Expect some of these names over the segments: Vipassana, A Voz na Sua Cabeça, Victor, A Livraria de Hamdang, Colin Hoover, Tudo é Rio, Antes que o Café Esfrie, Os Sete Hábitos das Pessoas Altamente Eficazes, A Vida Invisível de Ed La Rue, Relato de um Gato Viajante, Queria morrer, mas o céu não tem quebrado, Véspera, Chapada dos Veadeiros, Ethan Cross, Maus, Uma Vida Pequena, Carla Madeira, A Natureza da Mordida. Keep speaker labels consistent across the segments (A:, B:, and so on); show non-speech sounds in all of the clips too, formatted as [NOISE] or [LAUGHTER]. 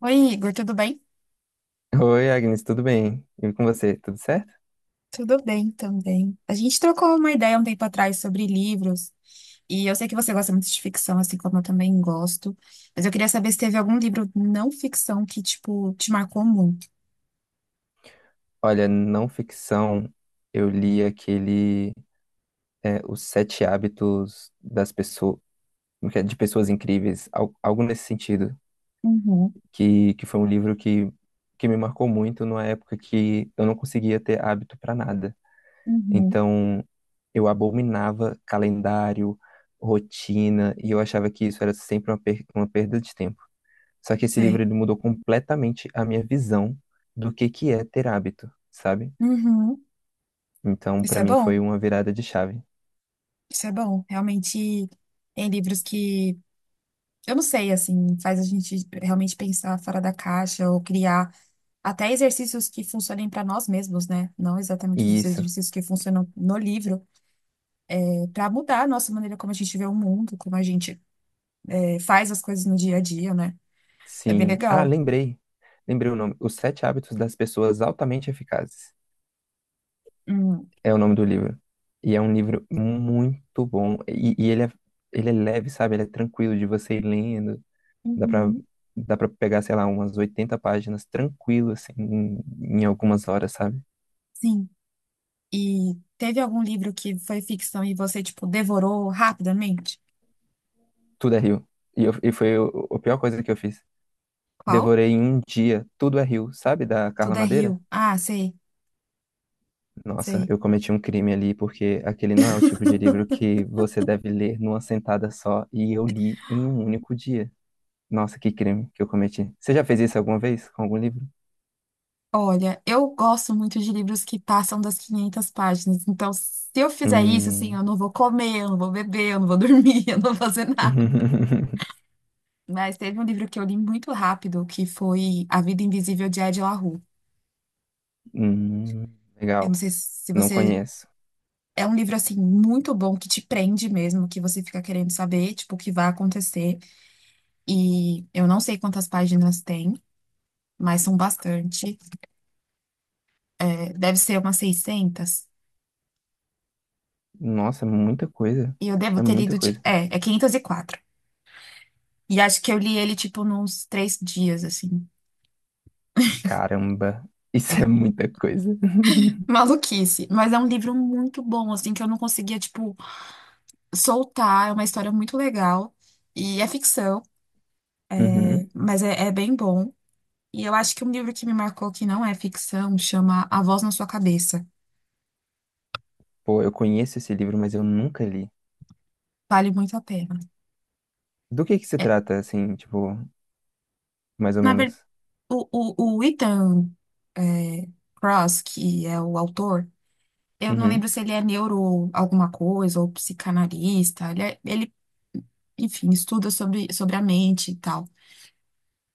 A: Oi, Igor, tudo bem?
B: Oi, Agnes, tudo bem? E com você, tudo certo?
A: Tudo bem também. A gente trocou uma ideia um tempo atrás sobre livros, e eu sei que você gosta muito de ficção, assim como eu também gosto, mas eu queria saber se teve algum livro não ficção que, tipo, te marcou muito.
B: Olha, não ficção, eu li aquele Os Sete Hábitos das Pessoas, de Pessoas Incríveis, algo nesse sentido,
A: Uhum,
B: que foi um livro que me marcou muito numa época que eu não conseguia ter hábito para nada.
A: uhum,
B: Então, eu abominava calendário, rotina, e eu achava que isso era sempre uma perda de tempo. Só que esse livro
A: sei.
B: ele mudou completamente a minha visão do que é ter hábito, sabe?
A: Uhum.
B: Então,
A: Isso
B: pra
A: é
B: mim foi
A: bom,
B: uma virada de chave.
A: isso é bom. Realmente tem livros que, eu não sei, assim, faz a gente realmente pensar fora da caixa ou criar até exercícios que funcionem para nós mesmos, né? Não exatamente
B: E
A: os
B: isso,
A: exercícios que funcionam no livro. Para mudar a nossa maneira como a gente vê o mundo, como a gente faz as coisas no dia a dia, né? É bem
B: sim. Ah,
A: legal.
B: lembrei. Lembrei o nome. Os Sete Hábitos das Pessoas Altamente Eficazes.
A: Hum,
B: É o nome do livro. E é um livro muito bom. E ele é leve, sabe? Ele é tranquilo de você ir lendo. Dá pra,
A: uhum,
B: dá pra pegar, sei lá, umas 80 páginas tranquilo, assim, em algumas horas, sabe?
A: sim. E teve algum livro que foi ficção e você, tipo, devorou rapidamente?
B: Tudo é rio. E foi a pior coisa que eu fiz.
A: Qual?
B: Devorei em um dia Tudo é Rio, sabe, da Carla
A: Tudo é
B: Madeira?
A: Rio. Ah, sei,
B: Nossa,
A: sei.
B: eu cometi um crime ali porque aquele não é o tipo de livro que você deve ler numa sentada só e eu li em um único dia. Nossa, que crime que eu cometi. Você já fez isso alguma vez com algum livro?
A: Olha, eu gosto muito de livros que passam das 500 páginas. Então, se eu fizer isso, assim, eu
B: Hum.
A: não vou comer, eu não vou beber, eu não vou dormir, [LAUGHS] eu não vou fazer nada.
B: [LAUGHS]
A: Mas teve um livro que eu li muito rápido, que foi A Vida Invisível de Ed La Rue.
B: Hum,
A: Eu não
B: legal.
A: sei se
B: Não
A: você...
B: conheço.
A: É um livro, assim, muito bom, que te prende mesmo, que você fica querendo saber, tipo, o que vai acontecer. E eu não sei quantas páginas tem, mas são bastante. É, deve ser umas 600.
B: Nossa, é muita coisa.
A: E eu devo
B: É
A: ter
B: muita
A: lido, de...
B: coisa.
A: é, é 504. E quatro. E acho que eu li ele, tipo, nos três dias, assim.
B: Caramba,
A: É,
B: isso é muita coisa. [LAUGHS]
A: [LAUGHS] maluquice. Mas é um livro muito bom, assim, que eu não conseguia, tipo, soltar. É uma história muito legal. E é ficção,
B: Uhum.
A: mas é bem bom. E eu acho que um livro que me marcou que não é ficção chama A Voz na Sua Cabeça.
B: Pô, eu conheço esse livro, mas eu nunca li.
A: Vale muito a pena.
B: Do que se
A: É,
B: trata, assim, tipo, mais ou
A: na verdade,
B: menos.
A: o Ethan é, Cross, que é o autor, eu não lembro
B: Uhum.
A: se ele é neuro alguma coisa ou psicanalista. Ele enfim, estuda sobre a mente e tal.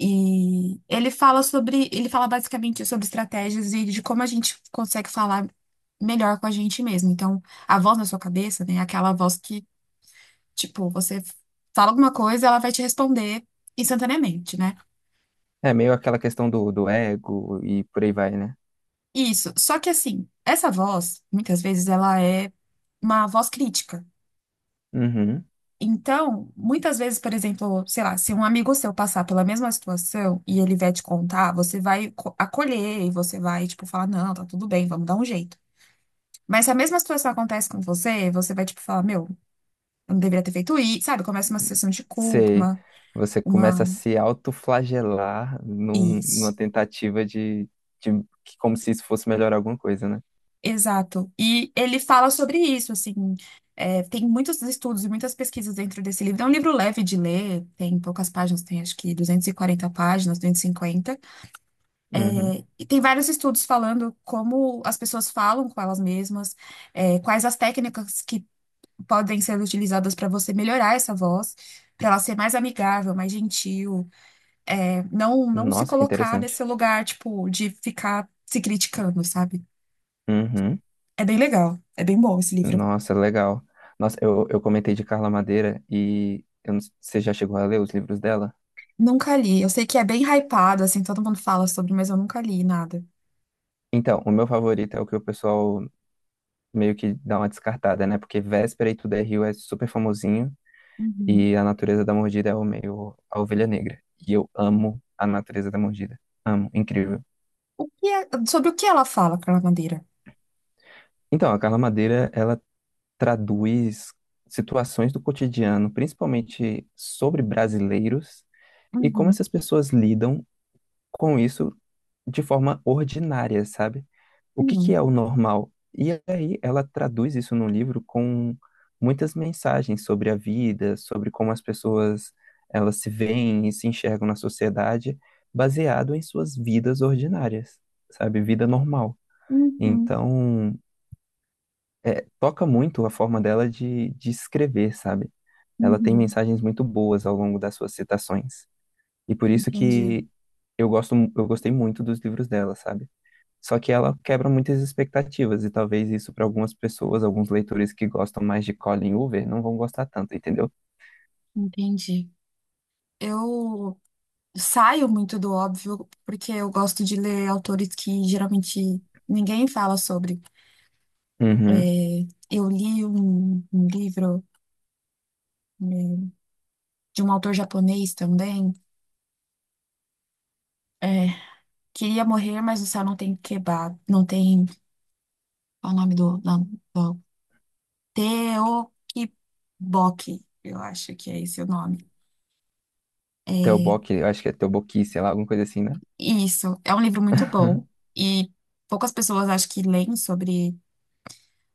A: E ele fala sobre, ele fala basicamente sobre estratégias e de como a gente consegue falar melhor com a gente mesmo. Então, a voz na sua cabeça, né, é aquela voz que, tipo, você fala alguma coisa, ela vai te responder instantaneamente, né?
B: É meio aquela questão do ego e por aí vai, né?
A: Isso. Só que assim, essa voz, muitas vezes, ela é uma voz crítica.
B: Uhum.
A: Então, muitas vezes, por exemplo, sei lá, se um amigo seu passar pela mesma situação e ele vier te contar, você vai acolher e você vai, tipo, falar, não, tá tudo bem, vamos dar um jeito. Mas se a mesma situação acontece com você, você vai, tipo, falar, meu, eu não deveria ter feito isso, sabe? Começa uma sensação de culpa,
B: Sei.
A: uma,
B: Você começa a
A: uma...
B: se autoflagelar numa
A: Isso.
B: tentativa de como se isso fosse melhorar alguma coisa, né?
A: Exato. E ele fala sobre isso, assim. É, tem muitos estudos e muitas pesquisas dentro desse livro. É um livro leve de ler, tem poucas páginas, tem acho que 240 páginas, 250. E cinquenta.
B: Uhum.
A: É, e tem vários estudos falando como as pessoas falam com elas mesmas, quais as técnicas que podem ser utilizadas para você melhorar essa voz, para ela ser mais amigável, mais gentil, não, não se
B: Nossa, que
A: colocar
B: interessante.
A: nesse lugar, tipo, de ficar se criticando, sabe?
B: Uhum.
A: É bem legal, é bem bom esse livro.
B: Nossa, legal. Nossa, eu comentei de Carla Madeira e eu não- você já chegou a ler os livros dela?
A: Nunca li. Eu sei que é bem hypado, assim, todo mundo fala sobre, mas eu nunca li nada.
B: Então, o meu favorito é o que o pessoal meio que dá uma descartada, né? Porque Véspera e Tudo é Rio é super famosinho.
A: Uhum,
B: E A Natureza da Mordida é o meio a ovelha negra. E eu amo A Natureza da Mordida. Amo Incrível.
A: o que é- sobre o que ela fala, Carla Madeira?
B: Então, a Carla Madeira, ela traduz situações do cotidiano, principalmente sobre brasileiros, e como
A: Uhum,
B: essas pessoas lidam com isso de forma ordinária, sabe? O que que
A: hum,
B: é o normal? E aí ela traduz isso num livro com muitas mensagens sobre a vida, sobre como as pessoas elas se veem e se enxergam na sociedade, baseado em suas vidas ordinárias, sabe? Vida normal.
A: uhum,
B: Então, toca muito a forma dela de escrever, sabe? Ela tem
A: uhum.
B: mensagens muito boas ao longo das suas citações. E por isso
A: Entendi.
B: que eu gosto, eu gostei muito dos livros dela, sabe? Só que ela quebra muitas expectativas, e talvez isso para algumas pessoas, alguns leitores que gostam mais de Colin Hoover, não vão gostar tanto, entendeu?
A: Entendi. Eu saio muito do óbvio, porque eu gosto de ler autores que geralmente ninguém fala sobre. É,
B: Uhum.
A: eu li um livro, né, de um autor japonês também. é, Queria morrer, mas o céu não tem quebrado. Não tem. Qual é o nome do Teotihuacan, eu acho que é esse o nome.
B: Teobok, eu acho que é Teoboqui, sei lá, alguma coisa assim, né?
A: Isso, é um livro muito bom
B: [LAUGHS]
A: e poucas pessoas acho que leem sobre.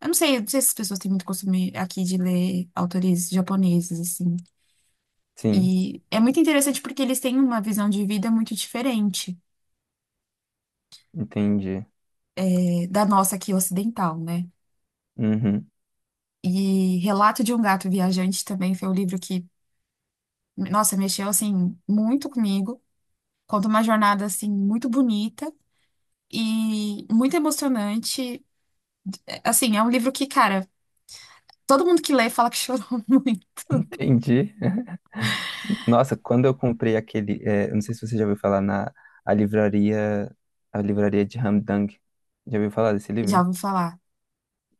A: Eu não sei se as pessoas têm muito costume aqui de ler autores japoneses, assim.
B: Sim,
A: E é muito interessante porque eles têm uma visão de vida muito diferente
B: entendi.
A: da nossa aqui ocidental, né?
B: Uhum.
A: E Relato de um Gato Viajante também foi um livro que, nossa, mexeu, assim, muito comigo. Conta uma jornada, assim, muito bonita e muito emocionante. Assim, é um livro que, cara, todo mundo que lê fala que chorou [LAUGHS] muito.
B: Entendi. [LAUGHS] Nossa, quando eu comprei aquele, eu não sei se você já ouviu falar na a livraria, a livraria de Hamdang. Já ouviu falar desse
A: Já
B: livro?
A: ouvi falar,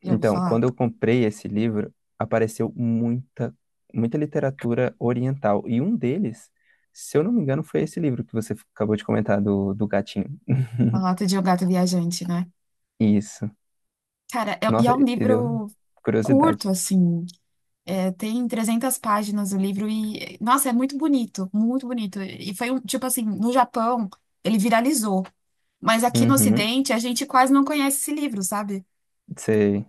A: já ouvi
B: Então,
A: falar.
B: quando eu comprei esse livro, apareceu muita, muita literatura oriental. E um deles, se eu não me engano, foi esse livro que você acabou de comentar, do gatinho.
A: Uma lata de um gato viajante, né?
B: Isso.
A: Cara, e é
B: Nossa,
A: um
B: e deu
A: livro curto,
B: curiosidade.
A: assim. É, tem 300 páginas o livro e, nossa, é muito bonito, muito bonito. E foi um, tipo assim, no Japão, ele viralizou. Mas aqui no
B: Uhum,
A: Ocidente, a gente quase não conhece esse livro, sabe?
B: sei.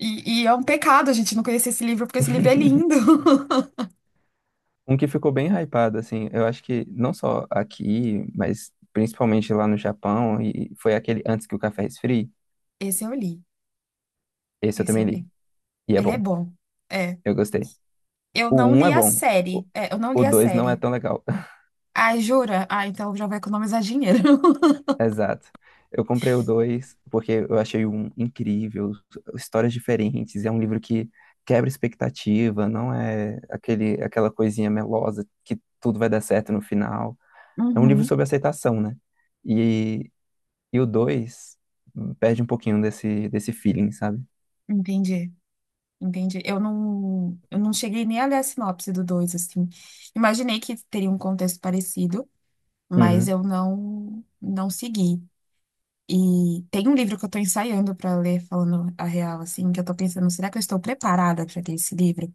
A: E é um pecado a gente não conhecer esse livro, porque esse livro é lindo.
B: [LAUGHS]
A: [LAUGHS]
B: Um que ficou bem hypado, assim, eu acho que não só aqui, mas principalmente lá no Japão, e foi aquele Antes que o Café Esfrie.
A: Esse eu li,
B: Esse eu
A: esse
B: também
A: eu
B: li.
A: li.
B: E é
A: Ele é
B: bom.
A: bom. É,
B: Eu gostei.
A: eu
B: O
A: não
B: um
A: li
B: é
A: a
B: bom. O
A: série. É, eu não
B: o
A: li a
B: 2 não é
A: série.
B: tão legal.
A: Ah, jura? Ah, então já vai economizar dinheiro. [LAUGHS]
B: Exato. Eu comprei o dois porque eu achei um incrível, histórias diferentes, é um livro que quebra expectativa, não é aquela coisinha melosa que tudo vai dar certo no final. É um livro
A: Uhum,
B: sobre aceitação, né? E, e o dois perde um pouquinho desse feeling, sabe?
A: entendi, entendi. Eu não cheguei nem a ler a sinopse do dois assim. Imaginei que teria um contexto parecido, mas
B: Uhum,
A: eu não, não segui. E tem um livro que eu tô ensaiando para ler, falando a real, assim, que eu tô pensando, será que eu estou preparada para ter esse livro?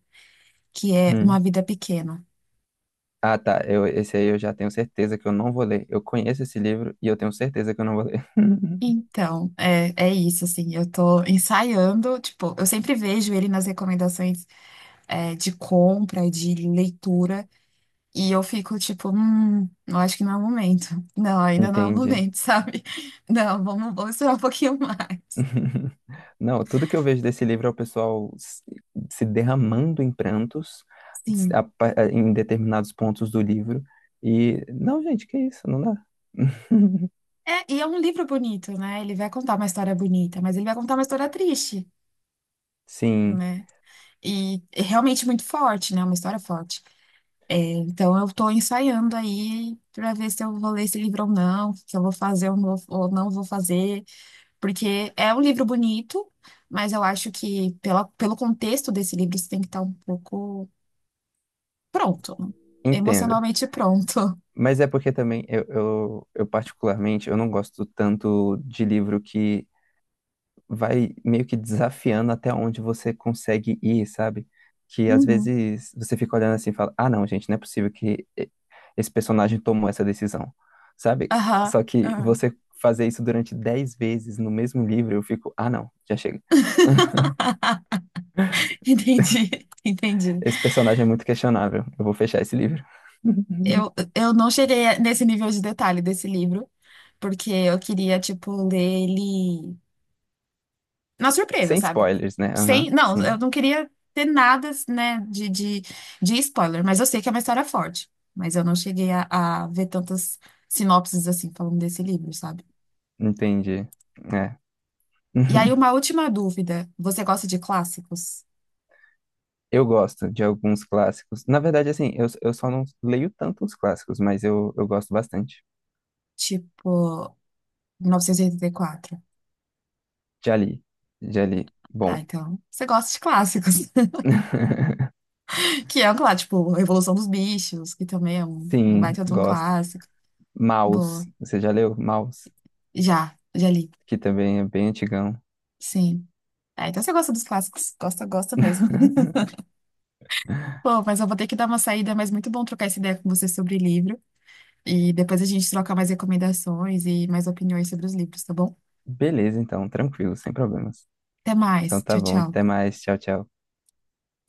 A: Que é Uma
B: uhum.
A: Vida Pequena.
B: Ah, tá. Esse aí eu já tenho certeza que eu não vou ler. Eu conheço esse livro e eu tenho certeza que eu não vou ler. [LAUGHS]
A: Então, é isso, assim, eu tô ensaiando, tipo, eu sempre vejo ele nas recomendações, de compra, de leitura, e eu fico tipo, eu acho que não é o momento. [LAUGHS] Não, ainda não é o
B: Entendi.
A: momento, [LAUGHS] sabe? Não, vamos esperar um pouquinho mais.
B: [LAUGHS] Não, tudo que eu vejo desse livro é o pessoal se derramando em prantos
A: Sim.
B: em determinados pontos do livro. E, não, gente, que isso, não dá. [LAUGHS]
A: É, e é um livro bonito, né? Ele vai contar uma história bonita, mas ele vai contar uma história triste,
B: Sim,
A: né? E realmente muito forte, né? Uma história forte. Então, eu estou ensaiando aí para ver se eu vou ler esse livro ou não, se eu vou fazer ou não vou fazer, porque é um livro bonito, mas eu acho que pelo contexto desse livro você tem que estar um pouco pronto,
B: entenda.
A: emocionalmente pronto.
B: Mas é porque também eu particularmente, eu não gosto tanto de livro que vai meio que desafiando até onde você consegue ir, sabe? Que às
A: Uhum.
B: vezes você fica olhando assim e fala: ah, não, gente, não é possível que esse personagem tomou essa decisão, sabe?
A: Aham.
B: Só que
A: Aham.
B: você fazer isso durante 10 vezes no mesmo livro, eu fico: ah, não, já chega. [LAUGHS]
A: [LAUGHS] Entendi, entendi.
B: Esse personagem é muito questionável, eu vou fechar esse livro. [LAUGHS]
A: Eu não cheguei nesse nível de detalhe desse livro, porque eu queria, tipo, ler ele. Na surpresa,
B: Sem
A: sabe?
B: spoilers, né?
A: Sem,
B: Aham,
A: não,
B: sim,
A: eu não queria ter nada, né, de spoiler, mas eu sei que é uma história forte. Mas eu não cheguei a ver tantas sinopses assim falando desse livro, sabe?
B: entendi. É.
A: E aí,
B: [LAUGHS]
A: uma última dúvida. Você gosta de clássicos?
B: Eu gosto de alguns clássicos. Na verdade, assim, eu só não leio tanto os clássicos, mas eu gosto bastante.
A: Tipo, 1984.
B: Já li. Já li.
A: Ah,
B: Bom.
A: então, você gosta de clássicos. [LAUGHS]
B: [LAUGHS]
A: Que é um clássico, tipo, Revolução dos Bichos, que também é um
B: Sim,
A: baita de um
B: gosto.
A: clássico.
B: Maus.
A: Boa.
B: Você já leu Maus?
A: Já, já li.
B: Que também é bem antigão.
A: Sim. Ah, então você gosta dos clássicos. Gosta, gosta mesmo.
B: [LAUGHS]
A: Pô, mas eu vou ter que dar uma saída, mas muito bom trocar essa ideia com você sobre livro. E depois a gente troca mais recomendações e mais opiniões sobre os livros, tá bom?
B: Beleza, então, tranquilo, sem problemas.
A: Até
B: Então
A: mais.
B: tá
A: Tchau,
B: bom, até
A: tchau.
B: mais. Tchau, tchau.